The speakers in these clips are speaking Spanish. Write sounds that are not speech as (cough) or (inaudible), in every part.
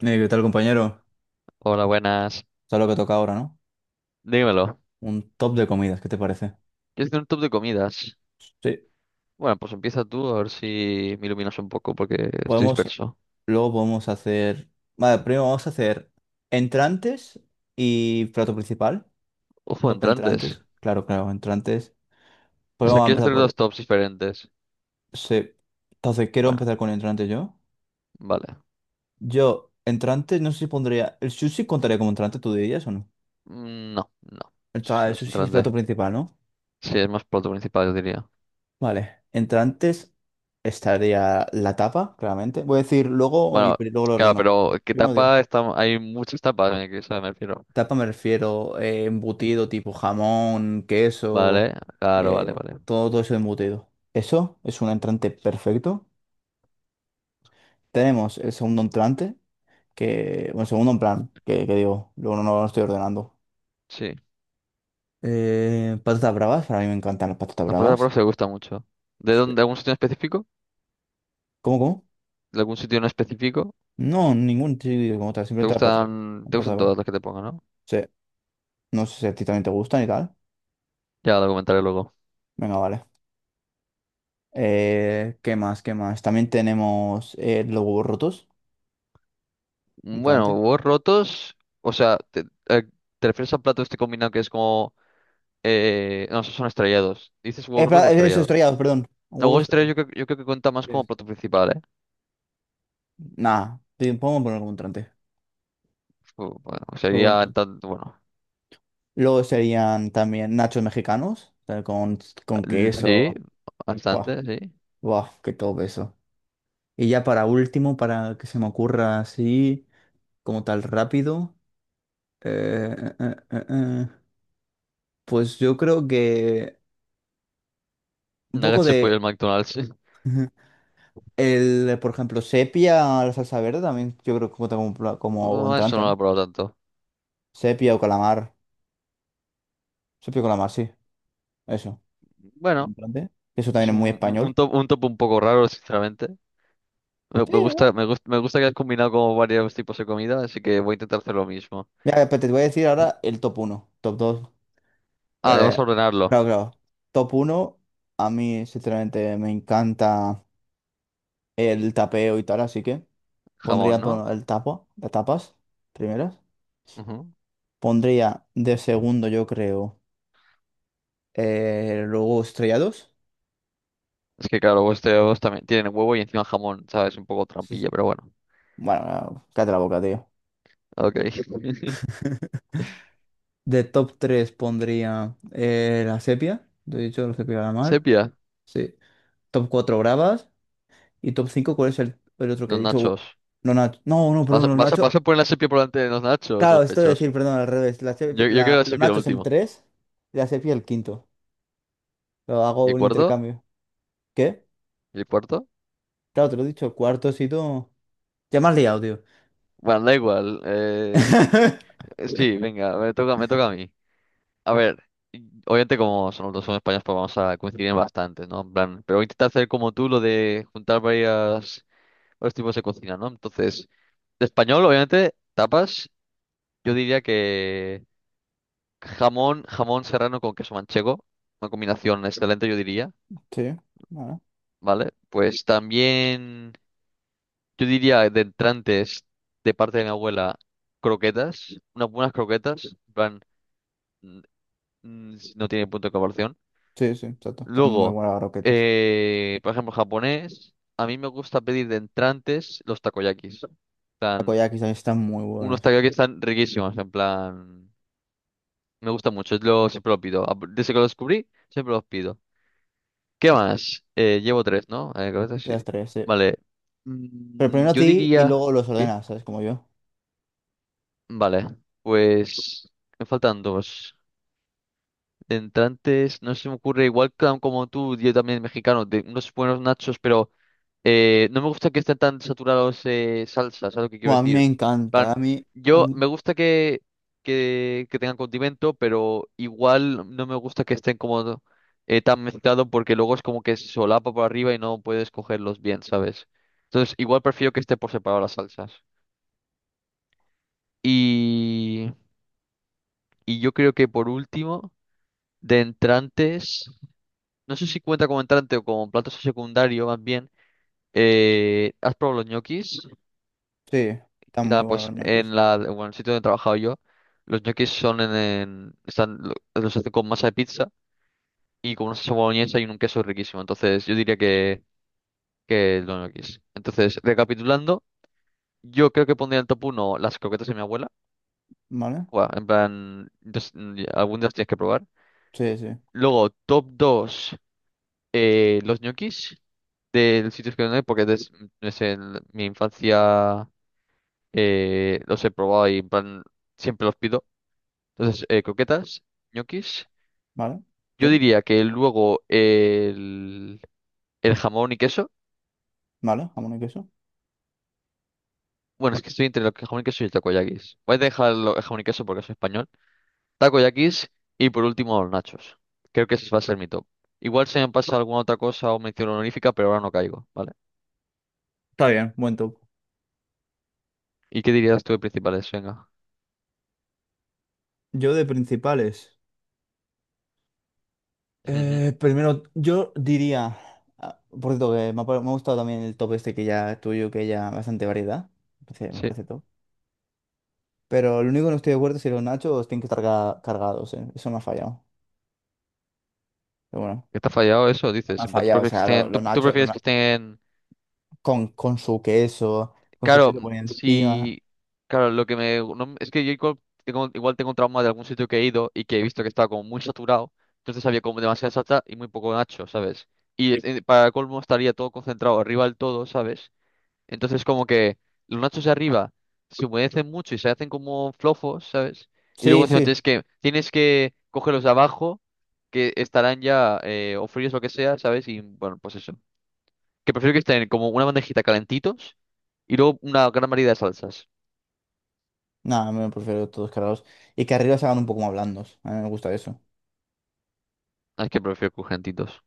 ¿Qué tal, compañero? Hola, buenas. ¿Sabes lo que toca ahora, no? Dímelo. Un top de comidas, ¿qué te parece? ¿Quieres hacer un top de comidas? Sí. Bueno, pues empieza tú a ver si me iluminas un poco porque estoy Podemos, disperso. luego podemos hacer. Vale, primero vamos a hacer entrantes y plato principal. Ojo, Top entrantes. entrantes. Claro, claro, entrantes. O Pues sea, vamos a ¿quieres empezar hacer dos por. tops diferentes? Sí. Entonces, quiero Bueno, empezar con entrantes yo. vale. Yo, entrantes, no sé si pondría. ¿El sushi contaría como entrante, tú dirías o no? Mm, no, no. O Eso sea, sí el no es sushi es plato entrante. principal, ¿no? Sí, es más plato principal, yo diría. Vale, entrantes estaría la tapa, claramente. Voy a decir luego y Bueno, luego lo claro, ordono. pero ¿qué Primero digo. tapa? Está... Hay muchas tapas, en el que eso me refiero. Tapa me refiero embutido tipo jamón, queso, Vale, claro, vale, eh, vale. todo eso embutido. Eso es un entrante perfecto. Tenemos el segundo entrante, que, bueno, segundo en plan, que digo, luego no lo estoy ordenando. Sí. Patatas bravas, para mí me encantan las patatas Las patatas bravas. bravas te gustan mucho. ¿De Sí. dónde? ¿De algún sitio en específico? Cómo? ¿De algún sitio en específico? No, ningún chile como tal, simplemente las patatas. Las Te patatas gustan todas bravas. las que te pongan, no? Sí. No sé si a ti también te gustan y tal. Ya lo comentaré luego. Venga, vale. ¿Qué más? ¿Qué más? También tenemos los huevos rotos. Bueno, Entrante. huevos rotos, o sea, eh, te refieres al plato este combinado que es como... no, esos son estrellados. ¿Dices huevos rotos o Espera, eso, estrellados? estrellados, perdón. No, Huevos huevos estrellados estrellados. yo, creo que cuenta más como Yes. plato principal, ¿eh? Nah, podemos poner como entrante. Bueno, Huevo sería... entrante. Bueno, Luego serían también nachos mexicanos, tal, con sí, queso. Buah, bastante, sí. buah, qué todo eso. Y ya para último, para que se me ocurra así, como tal rápido, eh, eh, eh, eh, eh, pues yo creo que un poco Nuggets de pollo del de... McDonald's, sí. El, por ejemplo, sepia, la salsa verde también, yo creo que cuenta como, como Mm, eso entrante, no lo ¿no? he probado tanto. Sepia o calamar. Sepia o calamar, sí. Eso. Como Bueno, entrante. Eso también es es un, muy un- un español. top, un top un poco raro, sinceramente. Me, Sí. me gusta, me gusta, me gusta que has combinado como varios tipos de comida, así que voy a intentar hacer lo mismo. Mira, pues te voy a decir ahora el top uno top dos. Ah, Eh, vamos a claro, ordenarlo. claro. Top uno a mí sinceramente me encanta el tapeo y tal, así que Jamón, pondría ¿no? el tapo, las tapas primeras. Ujú. Pondría de segundo, yo creo, luego estrellados. Es que claro, vuestros también tienen huevo y encima jamón, ¿sabes? Un poco Sí, sí. trampilla, pero bueno. Bueno, cállate la boca, tío. Ok. (laughs) De top 3 pondría la sepia, lo he dicho, la sepia de la mar. Sepia, Sí. Top 4 bravas. Y top cinco, ¿cuál es el otro que he los nachos. dicho? Los nachos. No, no, ¿Vas perdón, a, los vas a, nachos. vas a poner la sepia por delante de los nachos, Claro, esto de sospechosos? decir, perdón, al revés. Yo creo que la Los sepia el nachos el último. 3 y la sepia el quinto. Lo ¿Y hago el un cuarto? intercambio. ¿Qué? ¿Y el cuarto? Claro, te lo he dicho, el cuarto sitio. Ya me has liado, tío. Bueno, da igual. (laughs) Sí, venga, me toca a mí. A ver, y- obviamente como son, los dos son españoles, pues vamos a coincidir en bastante, ¿no? En plan, pero voy a intentar hacer como tú lo de juntar varias, varios tipos de cocina, ¿no? Entonces, de español, obviamente, tapas. Yo diría que jamón, jamón serrano con queso manchego, una combinación excelente, yo diría, Sí, bueno. ¿vale? Pues también, yo diría de entrantes de parte de mi abuela, croquetas, unas buenas croquetas, en plan, mm, no tiene punto de comparación. Sí, sí, exacto. Están muy Luego, buenas las roquetas. Por ejemplo, japonés, a mí me gusta pedir de entrantes los takoyakis. En plan, Takoyakis también están muy unos buenos. takoyakis están riquísimos, en plan, me gusta mucho, es lo, siempre lo pido. Desde que lo descubrí, siempre los pido. ¿Qué más? Llevo tres, ¿no? Correcto, sí, Las sí. tres, sí. Vale. Pero primero a Yo ti y diría... luego los ¿Qué? ordenas, ¿sabes? Como yo. Vale. Pues... Me faltan dos. De entrantes, no se me ocurre, igual ca- como tú, yo también mexicano, de unos buenos nachos, pero no me gusta que estén tan saturados salsas, ¿sabes lo que quiero Bueno, a mí me decir? encanta, Plan, a mí, a yo mí- me gusta que tengan condimento, pero igual no me gusta que estén como tan mezclados porque luego es como que se solapa por arriba y no puedes cogerlos bien, ¿sabes? Entonces, igual prefiero que esté por separado las salsas. Y, y yo creo que por último, de entrantes. No sé si cuenta como entrante o como plato secundario, más bien. ¿Has probado los ñoquis? sí, están Y muy nada, buenos pues los en ñoquis, la, bueno, en el sitio donde he trabajado yo, los ñoquis son están, los hacen con masa de pizza y con una salsa boloñesa y un queso riquísimo. Entonces, yo diría que los ñoquis. Entonces, recapitulando, yo creo que pondría en top uno las croquetas de mi abuela. ¿vale? Buah, en plan, entonces, algún día las tienes que probar. Sí, sí, Luego, top 2 los ñoquis. Del sitio que no hay porque des- es en mi infancia los he probado y en plan siempre los pido. Entonces, croquetas, ñoquis. ¿vale? Yo Sí, diría que luego el jamón y queso. ¿vale? Jamón y queso. Bueno, es que estoy entre el jamón y queso y el takoyakis. Voy a dejar el jamón y queso porque soy español. Takoyakis y por último los nachos. Creo que ese va a ser mi top. Igual se me pasa alguna otra cosa o mención honorífica, pero ahora no caigo, ¿vale? Está bien, buen top. ¿Y qué dirías tú de principales? Venga. Yo de principales, Ujú, primero, yo diría, ah, por cierto, que me ha, me ha gustado también el top este que ya tuyo, que ya bastante variedad, me sí. parece top. Pero lo único que no estoy de acuerdo es si los nachos tienen que estar cargados, eh. Eso me ha fallado, pero bueno, Que está fallado eso, me dices. ha En plan, tú fallado, o prefieres que sea, estén, los tú nachos, prefieres que estén. con, con su queso, con su Claro, queso por encima. si. Claro, lo que me. No- es que yo igual tengo un trauma de algún sitio que he ido y que he visto que estaba como muy saturado. Entonces había como demasiada salsa y muy poco nacho, ¿sabes? Y para colmo estaría todo concentrado arriba del todo, ¿sabes? Entonces como que los nachos de arriba se humedecen mucho y se hacen como flojos, ¿sabes? Y luego Sí, encima sí. tienes que coger los de abajo que estarán ya o fríos o lo que sea, ¿sabes? Y bueno, pues eso. Que prefiero que estén como una bandejita calentitos y luego una gran variedad de salsas. No, me prefiero todos cargados. Y que arriba se hagan un poco más blandos. A mí me gusta eso. Ah, es que prefiero crujientitos.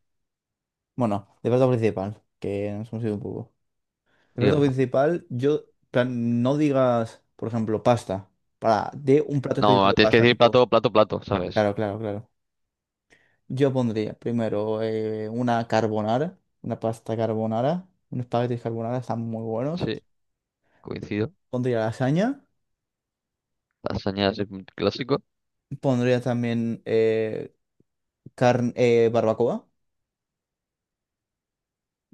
Bueno, de plato principal, que nos hemos ido un poco. De plato Dígame. principal, yo, plan, no digas, por ejemplo, pasta. Para, de un plato específico No, de tienes que pasta, decir tipo. plato, plato, plato, ¿sabes? Claro, claro, claro. Yo pondría primero una carbonara, una pasta carbonara, unos espaguetis carbonara, están muy buenos. Sí, coincido. Pondría lasaña. Lasaña es un clásico. Pondría también carne, barbacoa.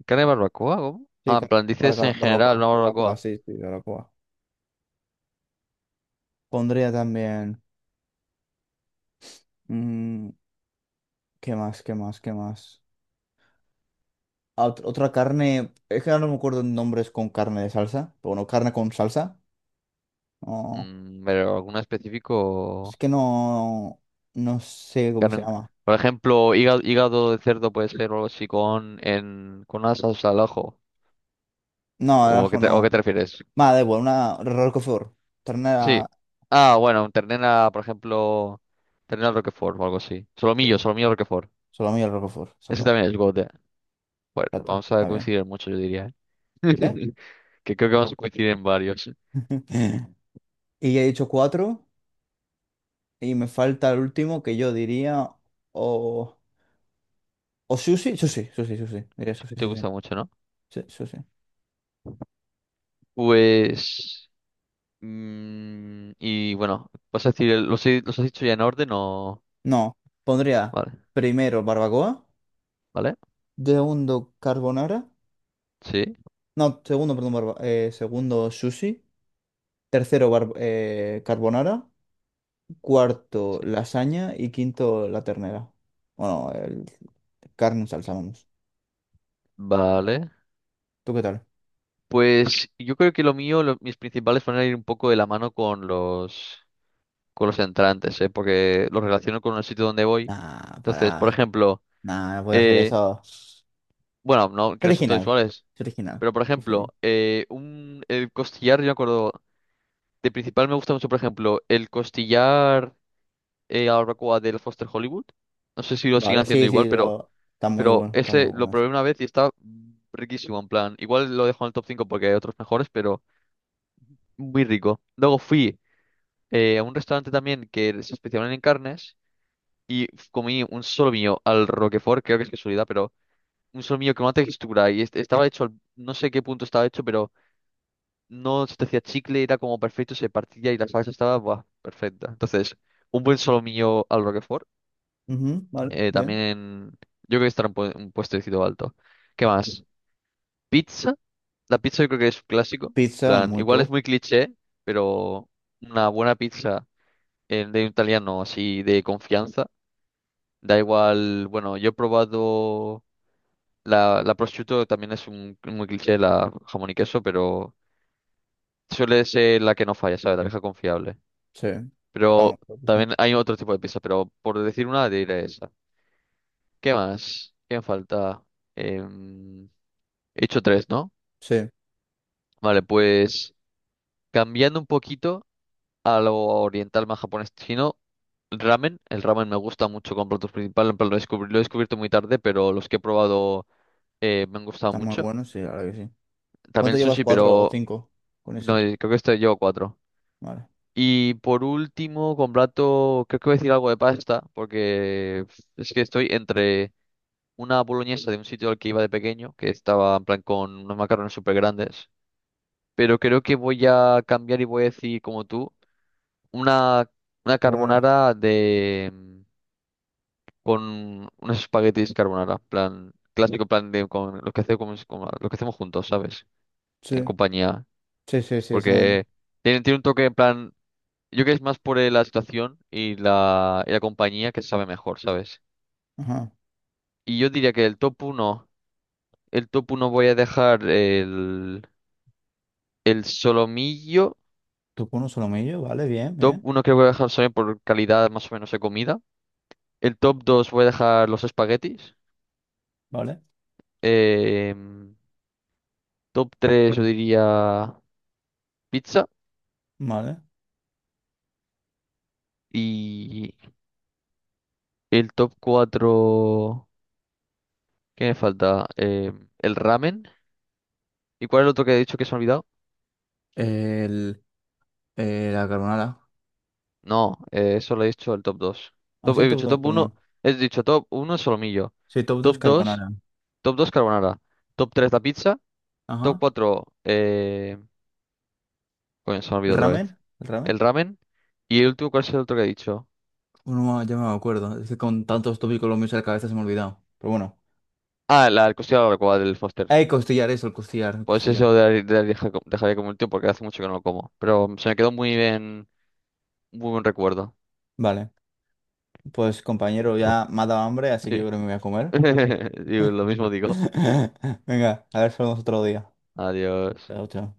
¿Carne de barbacoa? ¿Cómo? Sí, Ah, en plan, dices barbacoa, en general barbacoa, una barbacoa, barbacoa. sí, sí, barbacoa. Pondría también. mm, ¿Qué más? ¿Qué más? ¿Qué más? Ah, otra carne. Es que ahora no me acuerdo nombres con carne de salsa. Pero bueno, carne con salsa. No, Mm, pero alguna es específico. que no. No sé cómo se Carne- llama. por ejemplo, hígado, hígado de cerdo puede ser o algo así con, en, con una salsa al ajo. No, el ¿O qué ajo te, o qué no. te refieres? Nada, da igual, una Roquefort. Sí. Ternera. Ah, bueno, un ternera, por ejemplo, ternera Roquefort o algo así. Sí. Solomillo, solomillo Roquefort. Salami al Roquefort. Ese Exacto. también es GOAT, eh. Bueno, Exacto. vamos a Está bien. coincidir en mucho, yo diría. ¿Eh? ¿Qué? (laughs) Que creo que vamos a coincidir en varios. Sí. (laughs) Y ya he dicho cuatro. Y me falta el último que yo diría. O. O sushi. Sushi, sushi, sushi. Diría sushi, Te sí, sí. gusta mucho, ¿no? Sí, sushi. Pues... y bueno, vas a decir, el- ¿los, he- los has dicho ya en orden o...? No, pondría Vale, primero barbacoa, ¿vale? segundo carbonara, Sí, no, segundo, perdón, segundo sushi, tercero carbonara, cuarto sí. lasaña y quinto la ternera. Bueno, carne en salsa, vamos. Vale. ¿Tú qué tal? Pues yo creo que lo mío, lo- mis principales van a ir un poco de la mano con los entrantes, ¿eh? Porque los relaciono con el sitio donde voy. Nah, Entonces, por pará. ejemplo, Nah, no voy a hacer eh, eso. bueno, no, Es que no son todos original, iguales, es original. pero por ejemplo, Fíjate. El costillar, yo me acuerdo, de principal me gusta mucho, por ejemplo, el costillar a la barbacoa del Foster Hollywood. No sé si lo siguen Vale, haciendo sí, sí, igual, pero está ese muy lo bueno probé eso. una vez y está riquísimo, en plan. Igual lo dejo en el top 5 porque hay otros mejores, pero muy rico. Luego fui a un restaurante también que se especializa en carnes y comí un solomillo al Roquefort, creo que es casualidad, pero un solomillo con una textura y estaba hecho, no sé qué punto estaba hecho, pero no se te hacía chicle, era como perfecto, se partía y la salsa estaba buah, perfecta. Entonces, un buen solomillo al Roquefort, Ujú, vale, bien. también yo creo que estará un puestecito alto. ¿Qué Sí. más? Pizza, la pizza yo creo que es un clásico, Pizza, plan, muy igual es top. muy cliché, pero una buena pizza de un italiano así de confianza. Da igual, bueno, yo he probado la prosciutto también es un cliché de la jamón y queso, pero suele ser la que no falla, ¿sabes? La vieja confiable. Sí, está muy Pero top, sí. también hay otro tipo de pizza, pero por decir una, diré esa. ¿Qué más? ¿Qué me falta? Em, he hecho tres, ¿no? Sí. Vale, pues cambiando un poquito a lo oriental más japonés chino, ramen. El ramen me gusta mucho con platos principales, en plan, lo he descubierto muy tarde, pero los que he probado me han gustado Está muy mucho. bueno, sí, ahora que sí. También ¿Cuánto el llevas? sushi, ¿Cuatro o pero cinco con no, ese? creo que este llevo cuatro. Vale. Y por último, con plato, creo que voy a decir algo de pasta, porque es que estoy entre una boloñesa de un sitio al que iba de pequeño, que estaba en plan con unos macarrones súper grandes, pero creo que voy a cambiar y voy a decir, como tú, una, una Carbonara. carbonara de con unos espaguetis carbonara, plan clásico, plan de con lo que hacemos, lo que hacemos juntos, ¿sabes? En Sí, compañía, sí, sí, sí, esa onda. porque tiene un toque en plan yo creo que es más por la situación y la compañía que sabe mejor, ¿sabes? Ajá. Y yo diría que el top uno voy a dejar el solomillo. Tú con un solomillo, vale, bien, Top bien. uno creo que voy a dejar solomillo por calidad más o menos de comida. El top 2 voy a dejar los espaguetis. Vale, Em, top 3 yo diría pizza. vale. Y el top 4 ¿qué me falta? El ramen. ¿Y cuál es el otro que he dicho que se me ha olvidado? El, la carbonara. No, eso lo he dicho el top 2. Ah, sí, He top dicho 2, top uno, perdón. he dicho top uno solomillo. Sí, top 2 Top 2, carbonara. top 2 carbonara. Top 3 la pizza. Top Ajá. 4, coño, se me ¿El olvidó otra vez. ramen? ¿El El ramen? ramen. Y el último, ¿cuál es el otro que he dicho? Uno ya me acuerdo. Es que con tantos tópicos los míos en la cabeza se me ha olvidado. Pero bueno. Ah, la el costilla de la barbacoa del Foster. Hay costillar eso, el costillar, el Pues costillar. eso dejaría como último porque hace mucho que no lo como. Pero se me quedó muy bien, muy buen recuerdo. Vale. Pues compañero, ya me ha dado hambre, así que yo Sí. creo que me voy a comer. (laughs) Digo, lo mismo digo. (laughs) Venga, a ver si lo vemos otro día. Adiós. Chao, chao.